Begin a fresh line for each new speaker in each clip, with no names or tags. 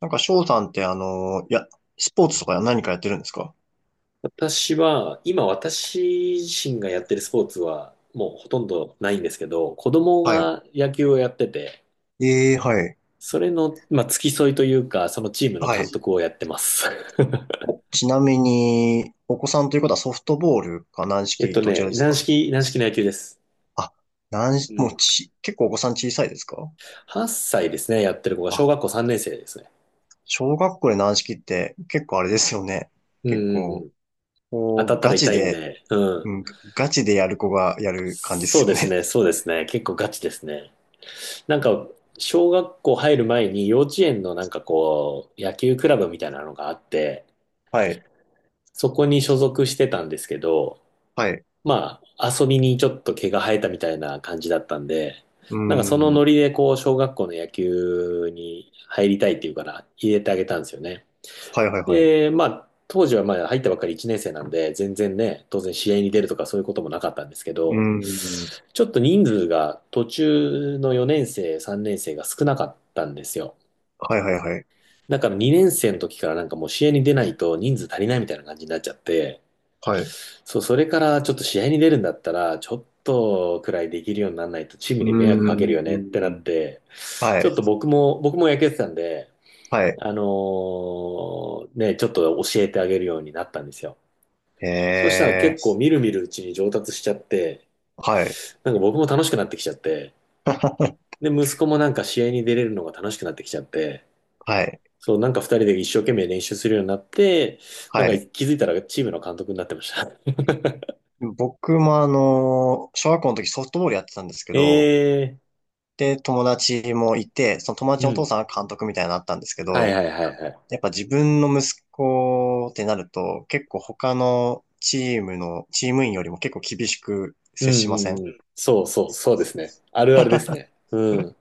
なんか、翔さんって、スポーツとか何かやってるんですか？
私は、今私自身がやってるスポーツはもうほとんどないんですけど、子供
はい。
が野球をやってて、
ええ、はい。
それの、付き添いというか、そのチームの
は
監
い。
督をやってます。
おちなみに、お子さんということはソフトボールか軟 式、どちらです
軟
か？
式軟式の野球です。
あ、軟式、
う
もう
ん。
ち、結構お子さん小さいですか？
8歳ですね、やってる子が小学
あ、
校3年生ですね。
小学校で軟式って結構あれですよね。
うん
結
うんう
構、
ん。当
こ
た
う、
ったら
ガチ
痛いん
で、
で、うん。
うん、ガチでやる子がやる感じで
そ
す
う
よ
です
ね。
ね、そうですね。結構ガチですね。なんか、小学校入る前に幼稚園の野球クラブみたいなのがあって、
はい。
そこに所属してたんですけど、
はい。う
遊びにちょっと毛が生えたみたいな感じだったんで、
ー
なんかその
ん。
ノリでこう、小学校の野球に入りたいっていうから入れてあげたんですよね。
はいはいはい。
で、まあ、当時はまあ入ったばっかり1年生なんで、全然ね、当然試合に出るとかそういうこともなかったんですけ
うー
ど、
ん。
ちょっと人数が途中の4年生、3年生が少なかったんですよ。
はいはいはい。
だから2年生の時からなんかもう試合に出ないと人数足りないみたいな感じになっちゃって、
はい。う
そう、それからちょっと試合に出るんだったら、ちょっとくらいできるようにならないとチーム
ー
に迷惑かけるよねってなっ
ん。
て、
はい。
ちょっと僕も、僕も野球やってたんで、
はい。
ちょっと教えてあげるようになったんですよ。そうしたら
え
結構
え。
みるみるうちに上達しちゃって、
はい。
なんか僕も楽しくなってきちゃって、で、息子もなんか試合に出れるのが楽しくなってきちゃって、
はい。
そう、なんか二人で一生懸命練習するようになって、なん
は
か
い。
気づいたらチームの監督になってました。
僕もあの、小学校の時ソフトボールやってたんですけど、
ええ
で、友達もいて、その友
ー、
達
う
のお父
ん。
さんが監督みたいになったんですけ
はい
ど、
はいはいはい。
やっぱ自分の息子ってなると、結構他のチームの、チーム員よりも結構厳しく
うん
接し
う
ません？
んうん。そうそう、そうですね。あるあるですね。う
うん。
ん。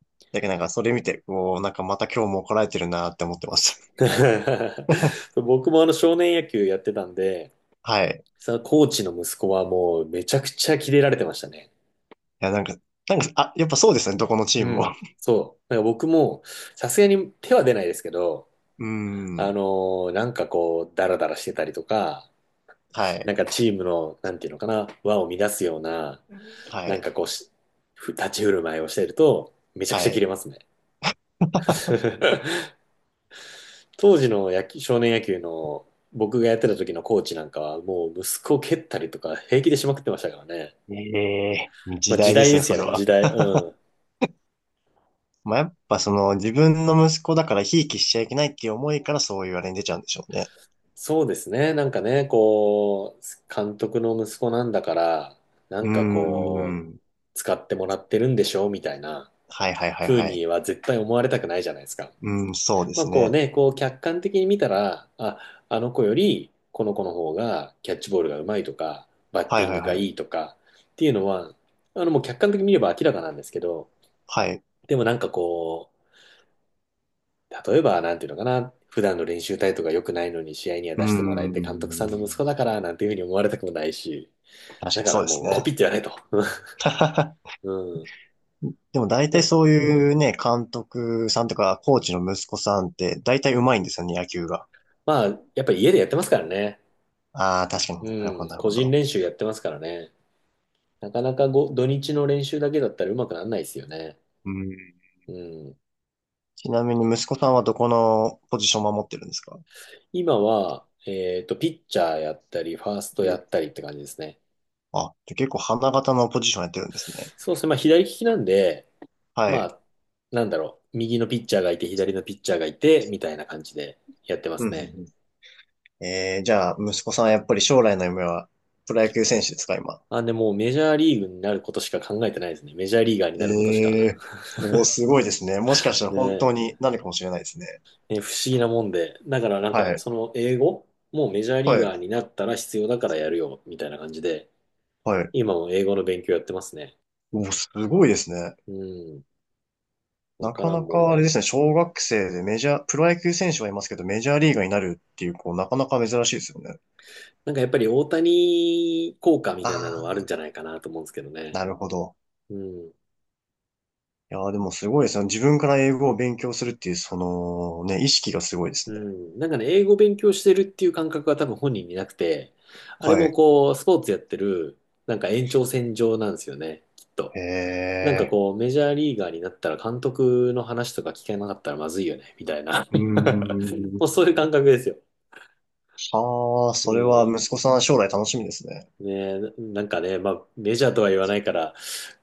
だけどなんかそれ見て、こう、なんかまた今日も怒られてるなって思ってまし た。
僕もあの少年野球やってたんで、
はい。
そのコーチの息子はもうめちゃくちゃキレられてましたね。
いや、なんか、やっぱそうですね、どこのチ
う
ーム
ん。
も。
そう。なんか僕もさすがに手は出ないですけど、
うーん。
なんかこう、ダラダラしてたりとか、
はい、
なんかチームの、なんていうのかな、輪を乱すような、
は
なん
い、
かこうし、ふ立ち振る舞いをしていると、めちゃくち
は
ゃキ
い。
レますね。当時の少年野球の僕がやってた時のコーチなんかはもう息子を蹴ったりとか平気でしまくってましたからね。
ええ、
ま
時
あ時
代で
代
す
で
ね、
す
そ
よ
れ
ね、時
は。
代。うん。
まあ、やっぱその自分の息子だからひいきしちゃいけないっていう思いからそういうあれに出ちゃうんでしょうね。
そうですね、なんかね、こう、監督の息子なんだから、な
うー
んかこう、
ん。
使ってもらってるんでしょみたいな
はいはいはい
風
はい。
には絶対思われたくないじゃないですか。
うん、そうで
まあ
す
こう
ね。
ね、こう客観的に見たら、あ、あの子よりこの子の方がキャッチボールがうまいとか、バッ
は
テ
い
ィン
はい
グが
はい。
いいとかっていうのは、あのもう客観的に見れば明らかなんですけど、
はい。
でもなんかこう、例えばなんていうのかな、普段の練習態度が良くないのに試合には
うー
出してもらえて監督さんの息子
ん。
だからなんていうふうに思われたくもないし、
確
だ
かに
か
そ
ら
うで
も
す
うコ
ね。
ピってやれと。うん。
でも大
で
体
も、
そういうね、監督さんとかコーチの息子さんって大体上手いんですよね、野球が。
まあやっぱり家でやってますからね。
ああ、確かにな
う
るほど、
ん。
なる
個
ほ
人
ど。
練習やってますからね。なかなかご土日の練習だけだったらうまくならないですよね。
うん。
うん。
ちなみに息子さんはどこのポジションを守ってるんですか？
今は、ピッチャーやったり、ファースト
う
や
ん。
ったりって感じですね。
あ、じゃあ結構花形のポジションやってるんですね。
そうですね。まあ、左利きなんで、
は
ま
い。
あ、なんだろう。右のピッチャーがいて、左のピッチャーがいて、みたいな感じでやってま
うん
す
うん
ね。
うん、えー、じゃあ、息子さんはやっぱり将来の夢はプロ野球選手ですか、今。
あ、でも、メジャーリーグになることしか考えてないですね。メジャーリーガーに
え
なることしか。
えー、おー、すごいですね。もしかしたら本
ね、
当になるかもしれないですね。
ね、不思議なもんで。だから、なんか、
はい。
その英語もうメジャーリ
は
ー
い。
ガーになったら必要だからやるよ、みたいな感じで。
はい。
今も英語の勉強やってますね。
おー、すごいですね。
うん。わ
な
か
か
ら
な
んもん
かあれ
で。
ですね、小学生でメジャー、プロ野球選手はいますけど、メジャーリーガーになるっていう、こう、なかなか珍しいですよね。
なんかやっぱり大谷効果みたい
あ
なのはあるん
あ、
じゃないかなと思うんですけどね。
なるほど。
うん。
いやー、でもすごいですね。自分から英語を勉強するっていう、その、ね、意識がすごいで
う
すね。
ん。なんかね、英語勉強してるっていう感覚は多分本人になくて、あれ
は
も
い。
こう、スポーツやってる、なんか延長線上なんですよね、きっ
え
と。なんか
え、
こう、メジャーリーガーになったら監督の話とか聞けなかったらまずいよね、みたいな。
うー
もうそういう
ん。
感覚ですよ。
はあ、
う
それは
ん。
息子さん将来楽しみですね。
ね、なんかね、まあ、メジャーとは言わないから、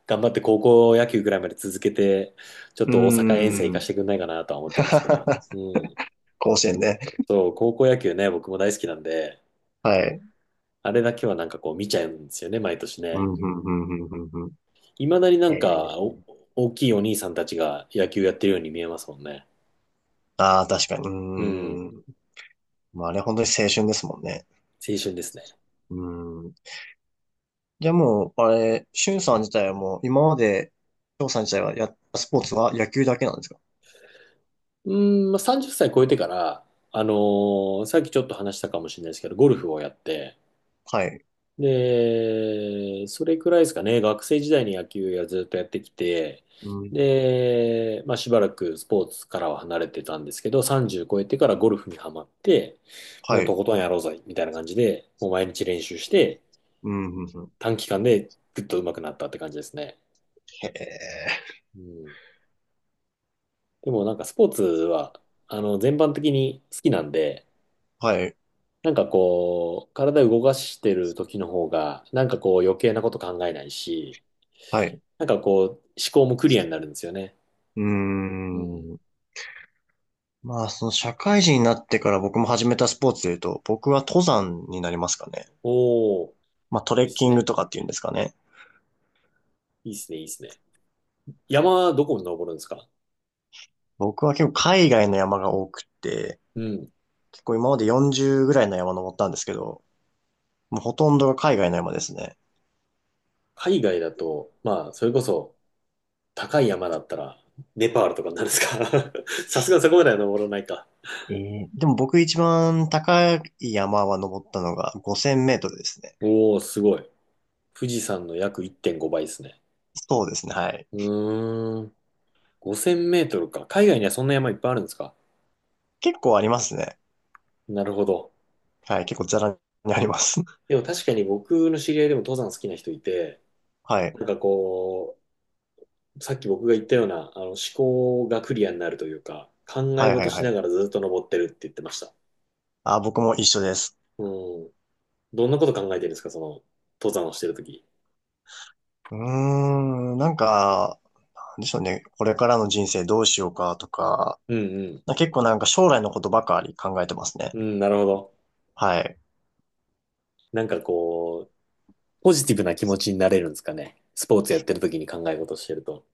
頑張って高校野球ぐらいまで続けて、ちょっ
うー
と大阪遠征行かし
ん。
てくんないかなとは思ってるんですけど、うん。
甲子園ね。
そう、高校野球ね、僕も大好きなんで、
はい。
あれだけはなんかこう見ちゃうんですよね、毎年
う
ね。
ん、うん、うん、うん、うん。うん。
いまだにな
え
んか
え、
お、大きいお兄さんたちが野球やってるように見えますもんね。
ああ、確かに。うー
うん、
ん。まあ、あれ本当に青春ですもんね。
青春ですね。
うーん。じゃあもう、あれ、しゅんさん自体はもう、今まで、しょうさん自体はやったスポーツは野球だけなんですか？
うん、まあ、30歳超えてから、さっきちょっと話したかもしれないですけど、ゴルフをやって、
はい。
で、それくらいですかね、学生時代に野球をずっとやってきて、
うん。
で、まあ、しばらくスポーツからは離れてたんですけど、30超えてからゴルフにはまって、も
は
うと
い。
ことんやろうぜ、みたいな感じで、もう毎日練習して、
うん、うんうん。
短期間でぐっと上手くなったって感じですね。
へえ。
うん。でもなんかスポーツは、あの、全般的に好きなんで、
はい。
なんかこう、体動かしてる時の方が、なんかこう余計なこと考えないし、
はい。う
なんかこう、思考もクリアになるんですよね。
ー
うん。
ん。まあ、その社会人になってから僕も始めたスポーツで言うと、僕は登山になりますかね。
おー、
まあ、ト
い
レ
いで
ッ
す
キング
ね。
とかっていうんですかね。
いいですね、いいですね。山はどこに登るんですか？
僕は結構海外の山が多くって、
うん。
結構今まで40ぐらいの山登ったんですけど、もうほとんどが海外の山ですね。
海外だと、まあ、それこそ高い山だったら、ネパールとかになるんですか？ さすがにそこまでは登らないか。
ええ、でも僕一番高い山は登ったのが5000メートルですね。
おー、すごい。富士山の約1.5倍ですね。
そうですね、はい。
うーん。5000メートルか。海外にはそんな山いっぱいあるんですか？
結構ありますね。
なるほど。
はい、結構ザラにあります。
でも確かに僕の知り合いでも登山好きな人いて、
はい。
なんかこさっき僕が言ったような、あの、思考がクリアになるというか、考え
はいは
事
い
し
は
な
い。
がらずっと登ってるって言ってました。
あ、僕も一緒です。
うん。どんなこと考えてるんですか、その、登山をしてるとき。
うーん、なんか、なんでしょうね。これからの人生どうしようかとか、
うん
結構なんか将来のことばかり考えてますね。
うん。うん、なるほど。
はい。
なんかこう、ポジティブな気持ちになれるんですかね。スポーツやってるときに考え事してると。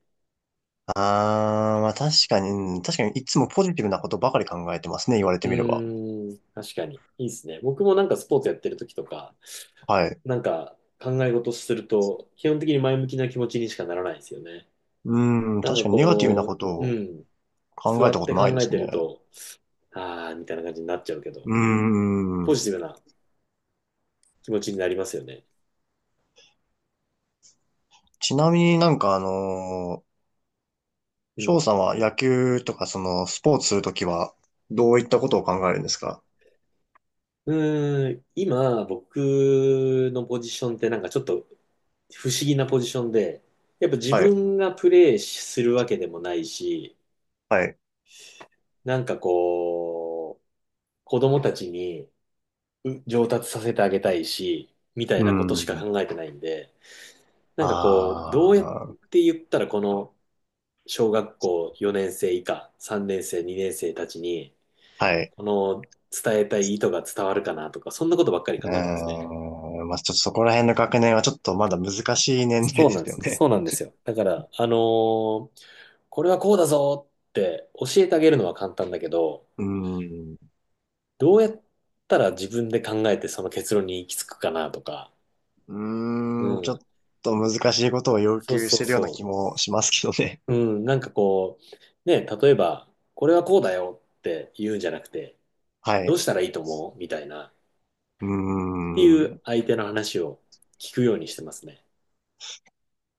あー、まあ確かに、うん、確かにいつもポジティブなことばかり考えてますね。言われ
う
てみれば。
ーん、確かに。いいですね。僕もなんかスポーツやってるときとか、
はい。
なんか考え事すると、基本的に前向きな気持ちにしかならないですよね。
うーん、
なん
確
か
かにネガティブなこ
こ
と
う、う
を
ん、
考
座
えた
っ
こ
て
とない
考
で
え
す
てる
ね。
と、あーみたいな感じになっちゃうけど、
うー
ポ
ん。
ジティブな気持ちになりますよね。
ちなみに、
う
翔
ん。
さんは野球とかそのスポーツするときはどういったことを考えるんですか？
うーん、今、僕のポジションってなんかちょっと不思議なポジションで、やっぱ自
はい。
分がプレイするわけでもないし、
はい。
なんかこう、子供たちに上達させてあげたいし、みたい
う
なことしか
ん。
考えてないんで、なんかこう、どうやっ
ああ、
て言ったらこの小学校4年生以下、3年生、2年生たちに、
はい。
この伝えたい意図が伝わるかなとか、そんなことばっかり
う
考えてますね。
ーん。まあ、ちょっとそこら辺の学年はちょっとまだ難しい年代
そ
で
うなんで
すよ
す。そ
ね。
うなんですよ。だから、ーこれはこうだぞって教えてあげるのは簡単だけど、
うん。う
どうやったら自分で考えてその結論に行き着くかなとか、
ー
う
ん、ちょっ
ん。
と難しいことを要
そう
求し
そう
てるような気
そ
もしますけどね。
う。うん。なんかこう、ね、例えば、これはこうだよって言うんじゃなくて、
は
どう
い。
したらいいと思うみたいな、っ
うー
ていう
ん。
相手の話を聞くようにしてますね。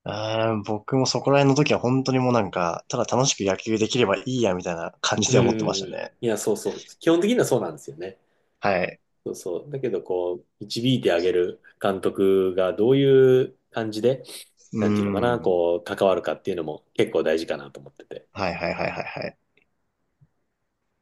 あー、僕もそこら辺の時は本当にもうなんか、ただ楽しく野球できればいいやみたいな感じ
うん
で
う
思ってま
ん
した
うん。
ね。
いや、そうそう。基本的にはそうなんですよね。
はい。
そうそう。だけど、こう、導いてあげる監督がどういう感じで、
う
なんていうのかな、
ーん。
こう、関わるかっていうのも結構大事かなと思ってて。
はいはいはいはいはい。